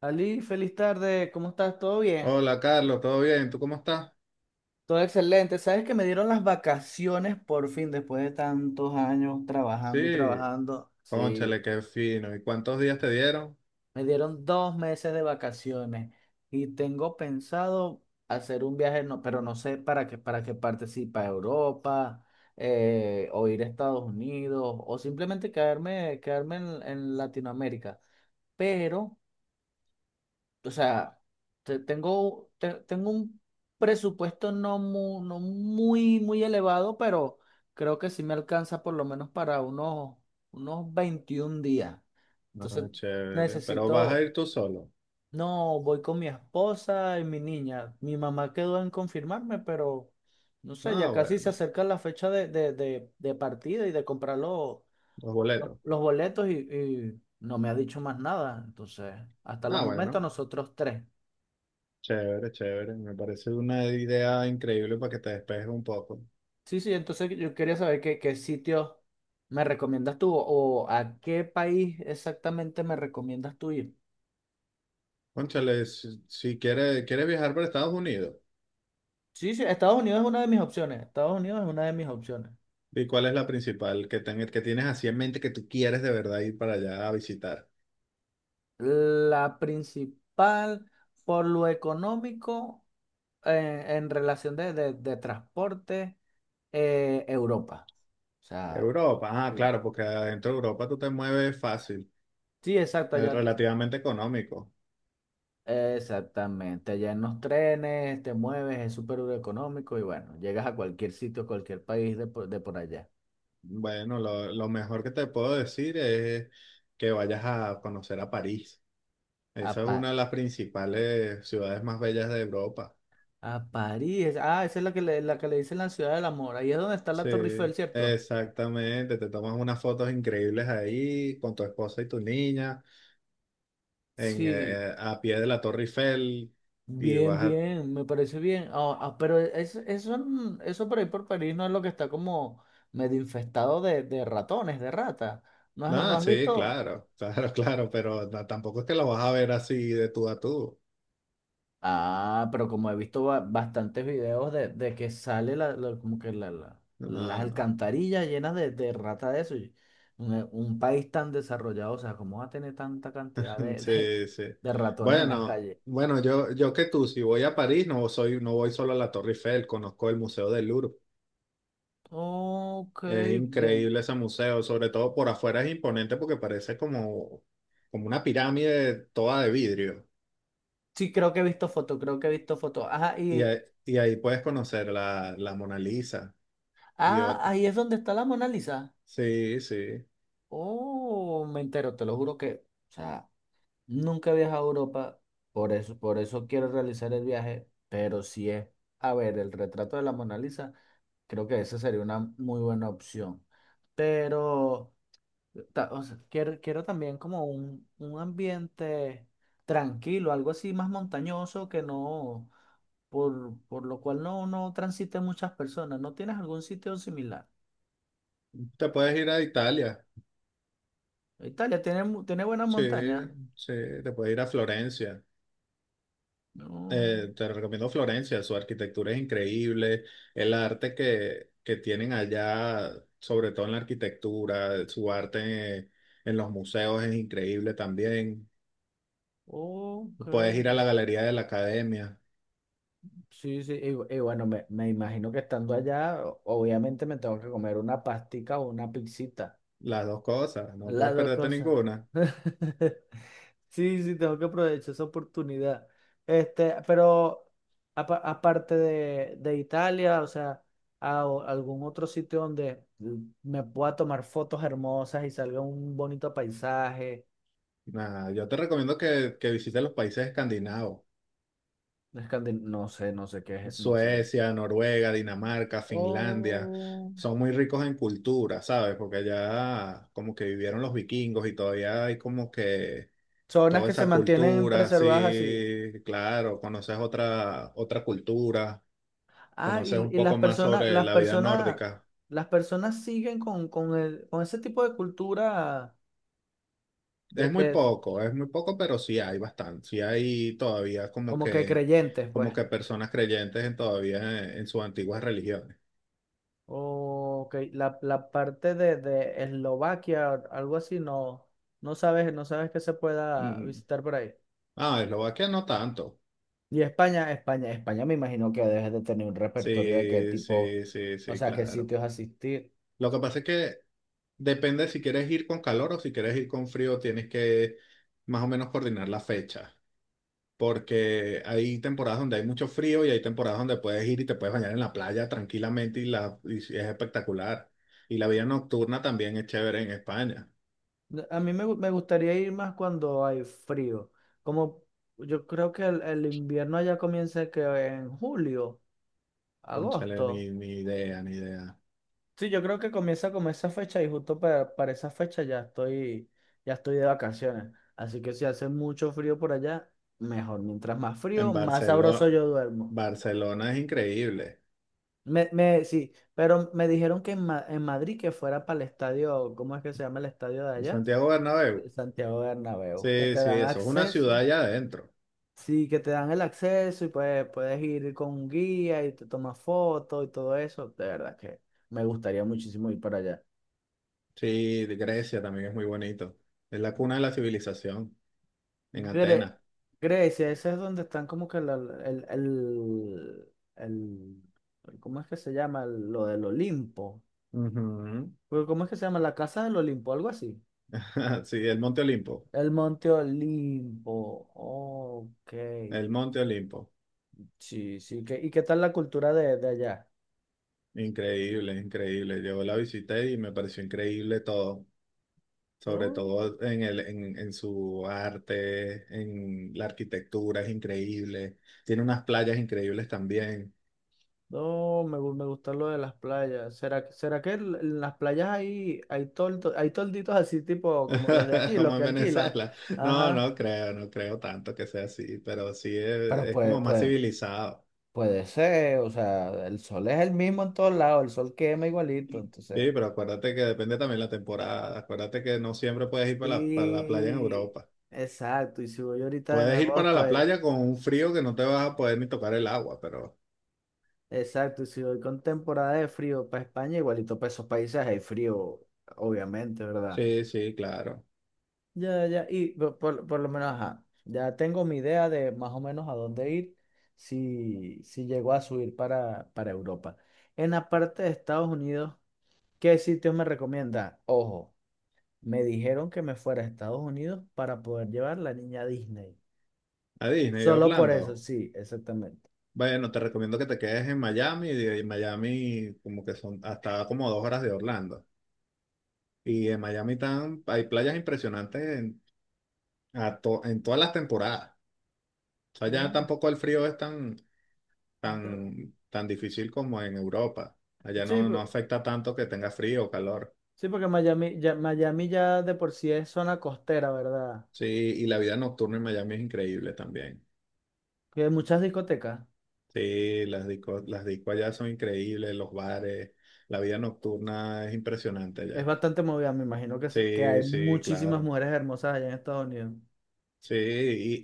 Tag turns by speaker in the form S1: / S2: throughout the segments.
S1: Ali, feliz tarde, ¿cómo estás? ¿Todo bien?
S2: Hola Carlos, ¿todo bien? ¿Tú cómo estás?
S1: Todo excelente. Sabes que me dieron las vacaciones por fin, después de tantos años trabajando y
S2: Sí,
S1: trabajando. Sí,
S2: cónchale, qué fino. ¿Y cuántos días te dieron?
S1: me dieron 2 meses de vacaciones y tengo pensado hacer un viaje, no, pero no sé para qué parte, si para Europa, o ir a Estados Unidos, o simplemente quedarme, quedarme en Latinoamérica. Pero o sea, tengo un presupuesto no muy elevado, pero creo que sí me alcanza por lo menos para unos 21 días. Entonces
S2: Ah, chévere. ¿Pero vas a
S1: necesito,
S2: ir tú solo?
S1: no, voy con mi esposa y mi niña. Mi mamá quedó en confirmarme, pero no sé, ya
S2: Ah,
S1: casi se
S2: bueno,
S1: acerca la fecha de partida y de comprar
S2: los boletos.
S1: los boletos y no me ha dicho más nada. Entonces, hasta los
S2: Ah,
S1: momentos
S2: bueno,
S1: nosotros tres.
S2: chévere, chévere. Me parece una idea increíble para que te despejes un poco.
S1: Sí, sí, entonces yo quería saber qué, qué sitio me recomiendas tú o a qué país exactamente me recomiendas tú ir.
S2: Cónchale, si quieres, quieres viajar para Estados Unidos,
S1: Sí, sí, Estados Unidos es una de mis opciones. Estados Unidos es una de mis opciones.
S2: ¿y cuál es la principal que, que tienes así en mente que tú quieres de verdad ir para allá a visitar?
S1: La principal, por lo económico, en relación de transporte, Europa. O sea,
S2: Europa, ah,
S1: sí.
S2: claro, porque adentro de Europa tú te mueves fácil,
S1: Sí, exacto, allá
S2: relativamente económico.
S1: exactamente, allá en los trenes te mueves, es súper económico y bueno, llegas a cualquier sitio, cualquier país de por allá.
S2: Bueno, lo mejor que te puedo decir es que vayas a conocer a París.
S1: A,
S2: Esa es
S1: Pa-
S2: una de las principales ciudades más bellas de Europa.
S1: a París, ah, esa es la que le dicen la ciudad del amor, ahí es donde está la
S2: Sí,
S1: Torre Eiffel, ¿cierto?
S2: exactamente. Te tomas unas fotos increíbles ahí con tu esposa y tu niña en,
S1: Sí,
S2: a pie de la Torre Eiffel y
S1: bien,
S2: vas a...
S1: bien, me parece bien. Pero eso, eso por ahí por París no es lo que está como medio infestado de ratones, de ratas. No
S2: No,
S1: has
S2: sí,
S1: visto?
S2: claro, claro, claro, pero no, tampoco es que lo vas a ver así de tú a tú.
S1: Ah, pero como he visto bastantes videos de que sale como que
S2: No,
S1: las
S2: no,
S1: alcantarillas llenas de rata de eso. Y un, un país tan desarrollado, o sea, ¿cómo va a tener tanta cantidad de,
S2: sí, sí.
S1: de ratones en las
S2: Bueno,
S1: calles?
S2: bueno, yo que tú, si voy a París, no soy, no voy solo a la Torre Eiffel, conozco el Museo del Louvre.
S1: Ok,
S2: Es
S1: bien.
S2: increíble ese museo, sobre todo por afuera es imponente porque parece como, como una pirámide toda de vidrio.
S1: Sí, creo que he visto fotos, creo que he visto fotos. Ajá,
S2: Y,
S1: y
S2: ahí- y ahí puedes conocer la, la Mona Lisa y
S1: ah,
S2: otro.
S1: ahí es donde está la Mona Lisa.
S2: Sí, sí.
S1: Oh, me entero, te lo juro que, o sea. Nunca he viajado a Europa, por eso quiero realizar el viaje, pero si es, a ver, el retrato de la Mona Lisa, creo que esa sería una muy buena opción. Pero o sea, quiero, quiero también como un ambiente tranquilo, algo así más montañoso que no, por lo cual no, no transiten muchas personas. ¿No tienes algún sitio similar?
S2: Te puedes ir a Italia.
S1: Italia tiene, tiene buenas
S2: Sí,
S1: montañas.
S2: sí, te puedes ir a Florencia.
S1: No,
S2: Te recomiendo Florencia, su arquitectura es increíble, el arte que tienen allá, sobre todo en la arquitectura, su arte en, los museos es increíble también.
S1: ok.
S2: Puedes ir a la
S1: Sí.
S2: galería de la academia,
S1: Sí, sí, y, y bueno, me imagino que estando allá, obviamente me tengo que comer una pastica o una pizzita.
S2: las dos cosas, no
S1: Las
S2: puedes
S1: dos
S2: perderte
S1: cosas.
S2: ninguna.
S1: Sí, sí, tengo que aprovechar esa oportunidad. Este, pero aparte de Italia, o sea, o algún otro sitio donde me pueda tomar fotos hermosas y salga un bonito paisaje.
S2: Nada, yo te recomiendo que visites los países escandinavos,
S1: Escandi- No sé, no sé qué es, no sé.
S2: Suecia, Noruega, Dinamarca, Finlandia.
S1: O
S2: Son muy ricos en cultura, ¿sabes? Porque allá como que vivieron los vikingos y todavía hay como que
S1: zonas
S2: toda
S1: que se
S2: esa
S1: mantienen
S2: cultura,
S1: preservadas así.
S2: sí, claro, conoces otra, otra cultura,
S1: Ah,
S2: conoces un
S1: y las
S2: poco más
S1: personas,
S2: sobre
S1: las
S2: la vida
S1: personas,
S2: nórdica.
S1: las personas siguen con el, con ese tipo de cultura de, de-
S2: Es muy poco, pero sí hay bastante, sí hay todavía
S1: como que creyentes, pues.
S2: como que personas creyentes en todavía en sus antiguas religiones.
S1: O que la parte de Eslovaquia, algo así, no, no sabes, no sabes que se pueda
S2: Mm.
S1: visitar por ahí.
S2: Ah, Eslovaquia no tanto.
S1: Y España, España, España me imagino que debes de tener un repertorio de qué
S2: Sí,
S1: tipo,
S2: sí, sí,
S1: o
S2: sí,
S1: sea, qué
S2: claro.
S1: sitios asistir.
S2: Lo que pasa es que depende si quieres ir con calor o si quieres ir con frío, tienes que más o menos coordinar la fecha. Porque hay temporadas donde hay mucho frío y hay temporadas donde puedes ir y te puedes bañar en la playa tranquilamente y, la, y si es espectacular. Y la vida nocturna también es chévere en España.
S1: No, a mí me, me gustaría ir más cuando hay frío. Como yo creo que el invierno allá comienza que en julio,
S2: Cónchale,
S1: agosto.
S2: ni, ni idea, ni idea.
S1: Sí, yo creo que comienza como esa fecha y justo para esa fecha ya estoy de vacaciones. Así que si hace mucho frío por allá, mejor. Mientras más frío,
S2: En
S1: más
S2: Barcelona,
S1: sabroso yo duermo.
S2: Barcelona es increíble.
S1: Me, sí, pero me dijeron que en, en Madrid que fuera para el estadio, ¿cómo es que se llama el estadio de
S2: Y
S1: allá?
S2: Santiago
S1: El
S2: Bernabéu,
S1: Santiago Bernabéu, que
S2: sí,
S1: te
S2: sí,
S1: dan
S2: eso es una ciudad
S1: acceso.
S2: allá adentro.
S1: Sí, que te dan el acceso y pues puedes ir con un guía y te tomas fotos y todo eso. De verdad que me gustaría muchísimo ir para allá.
S2: Sí, de Grecia también es muy bonito. Es la cuna de la civilización, en
S1: Gre-
S2: Atenas.
S1: Grecia, ese es donde están como que el, el, el- ¿cómo es que se llama? El... lo del Olimpo.
S2: Ujú.
S1: Pero, ¿cómo es que se llama? La casa del Olimpo, algo así.
S2: Sí, el Monte Olimpo,
S1: El Monte Olimpo. Ok.
S2: el Monte Olimpo.
S1: Sí, sí. Y qué tal la cultura de allá?
S2: Increíble, increíble. Yo la visité y me pareció increíble todo, sobre
S1: No.
S2: todo en el, en su arte, en la arquitectura, es increíble. Tiene unas playas increíbles también,
S1: No, me, me gusta lo de las playas. ¿Será, será que en las playas hay, hay, hay tolditos así tipo como los de aquí, los
S2: como
S1: que
S2: en
S1: alquilan?
S2: Venezuela. No,
S1: Ajá.
S2: no creo, no creo tanto que sea así, pero sí
S1: Pero
S2: es
S1: puede,
S2: como más
S1: puede,
S2: civilizado.
S1: puede ser, o sea, el sol es el mismo en todos lados, el sol quema igualito,
S2: Sí,
S1: entonces,
S2: pero acuérdate que depende también la temporada. Acuérdate que no siempre puedes ir para la playa en
S1: y
S2: Europa.
S1: exacto, y si voy ahorita en
S2: Puedes ir para
S1: agosto,
S2: la playa con un frío que no te vas a poder ni tocar el agua, pero...
S1: exacto, y si voy con temporada de frío para España, igualito para esos países hay frío, obviamente, ¿verdad?
S2: Sí, sí, claro.
S1: Ya, ya, y por, por lo menos, ajá, ya tengo mi idea de más o menos a dónde ir si, si llego a subir para Europa. En la parte de Estados Unidos, ¿qué sitios me recomienda? Ojo, me dijeron que me fuera a Estados Unidos para poder llevar la niña a Disney.
S2: A Disney, a
S1: Solo por eso,
S2: Orlando.
S1: sí, exactamente.
S2: Bueno, te recomiendo que te quedes en Miami. Y De y Miami, como que son hasta como dos horas de Orlando. Y en Miami hay playas impresionantes en, en todas las temporadas. O sea, ya
S1: Mm,
S2: tampoco el frío es tan,
S1: da-
S2: tan, tan difícil como en Europa. Allá
S1: Sí,
S2: no, no afecta tanto que tenga frío o calor.
S1: sí, porque Miami ya de por sí es zona costera, ¿verdad?
S2: Sí, y la vida nocturna en Miami es increíble también.
S1: Que hay muchas discotecas.
S2: Sí, las discos allá son increíbles, los bares, la vida nocturna es impresionante
S1: Es
S2: allá.
S1: bastante movida, me imagino que, que hay
S2: Sí, sí,
S1: muchísimas
S2: claro.
S1: mujeres hermosas allá en Estados Unidos.
S2: Sí,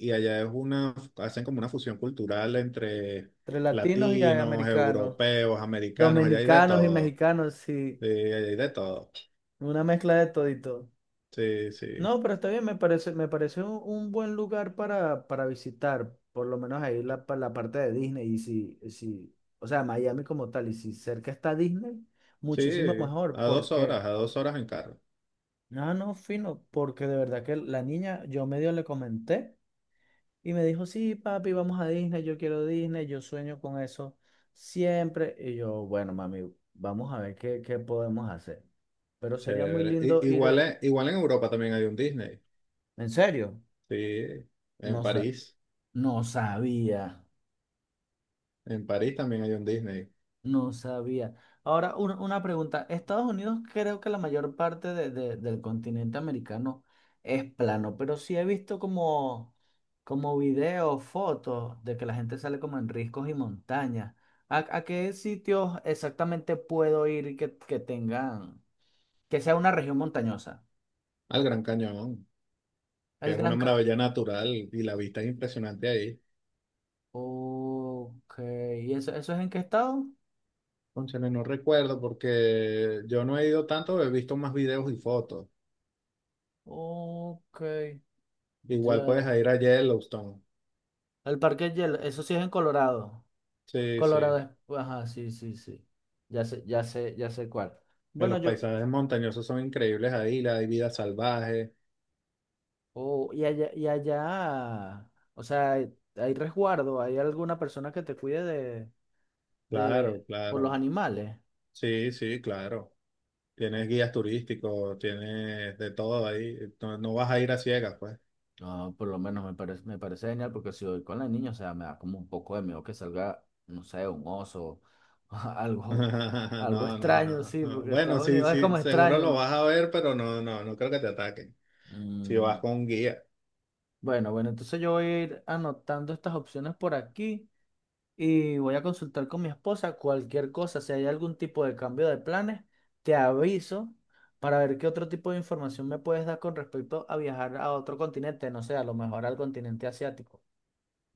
S2: y allá es una, hacen como una fusión cultural entre
S1: Entre latinos y hay
S2: latinos,
S1: americanos,
S2: europeos, americanos, allá hay de
S1: dominicanos y
S2: todo.
S1: mexicanos, sí,
S2: Sí, allá hay de todo.
S1: una mezcla de todito.
S2: Sí, sí.
S1: No, pero está bien, me parece un buen lugar para visitar, por lo menos ahí la parte de Disney. Y si, si, o sea, Miami como tal, y si cerca está Disney,
S2: Sí,
S1: muchísimo mejor,
S2: a dos
S1: porque,
S2: horas, a dos horas en carro.
S1: no, no, fino, porque de verdad que la niña, yo medio le comenté. Y me dijo, sí, papi, vamos a Disney, yo quiero Disney, yo sueño con eso siempre. Y yo, bueno, mami, vamos a ver qué, qué podemos hacer. Pero sería muy
S2: Chévere.
S1: lindo ir,
S2: Igual en Europa también hay un Disney.
S1: en serio,
S2: Sí, en
S1: no, sa-
S2: París.
S1: no sabía.
S2: En París también hay un Disney.
S1: No sabía. Ahora, una pregunta. Estados Unidos creo que la mayor parte del continente americano es plano, pero sí he visto como, como videos, fotos de que la gente sale como en riscos y montañas. A qué sitios exactamente puedo ir que tengan, que sea una región montañosa?
S2: Al Gran Cañón, que
S1: El
S2: es una
S1: Gran... Ca-
S2: maravilla natural y la vista es impresionante ahí.
S1: Ok. ¿Y eso es en qué estado?
S2: Cónchale, no recuerdo porque yo no he ido tanto, he visto más videos y fotos.
S1: Ok.
S2: Igual puedes
S1: Ya.
S2: ir a Yellowstone.
S1: El Parque Hielo, eso sí es en Colorado.
S2: Sí,
S1: Colorado
S2: sí.
S1: es- pues, ajá, sí, sí, sí. Ya sé, ya sé, ya sé cuál.
S2: Que
S1: Bueno,
S2: los
S1: yo,
S2: paisajes montañosos son increíbles ahí, la hay vida salvaje.
S1: oh, y allá, o sea, hay resguardo, hay alguna persona que te cuide
S2: Claro,
S1: de, por los
S2: claro.
S1: animales.
S2: Sí, sí, claro.
S1: No,
S2: Tienes guías turísticos, tienes de todo ahí. No, no vas a ir a ciegas, pues.
S1: no, por lo menos me parece genial porque si voy con la niña, o sea, me da como un poco de miedo que salga, no sé, un oso, algo, algo
S2: No, no,
S1: extraño,
S2: no.
S1: sí,
S2: no.
S1: porque
S2: Bueno,
S1: Estados
S2: sí,
S1: Unidos es
S2: sí,
S1: como
S2: seguro lo
S1: extraño.
S2: vas a ver, pero no, no, no creo que te ataquen si
S1: Mm,
S2: vas con un guía.
S1: bueno, bueno, entonces yo voy a ir anotando estas opciones por aquí, y voy a consultar con mi esposa cualquier cosa, si hay algún tipo de cambio de planes, te aviso para ver qué otro tipo de información me puedes dar con respecto a viajar a otro continente, no sé, a lo mejor al continente asiático.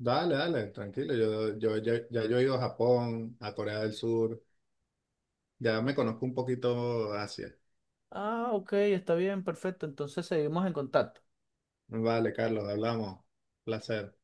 S2: Dale, dale, tranquilo. Ya yo he ido a Japón, a Corea del Sur. Ya me conozco un poquito Asia.
S1: Ah, ok, está bien, perfecto, entonces seguimos en contacto.
S2: Vale, Carlos, hablamos. Placer.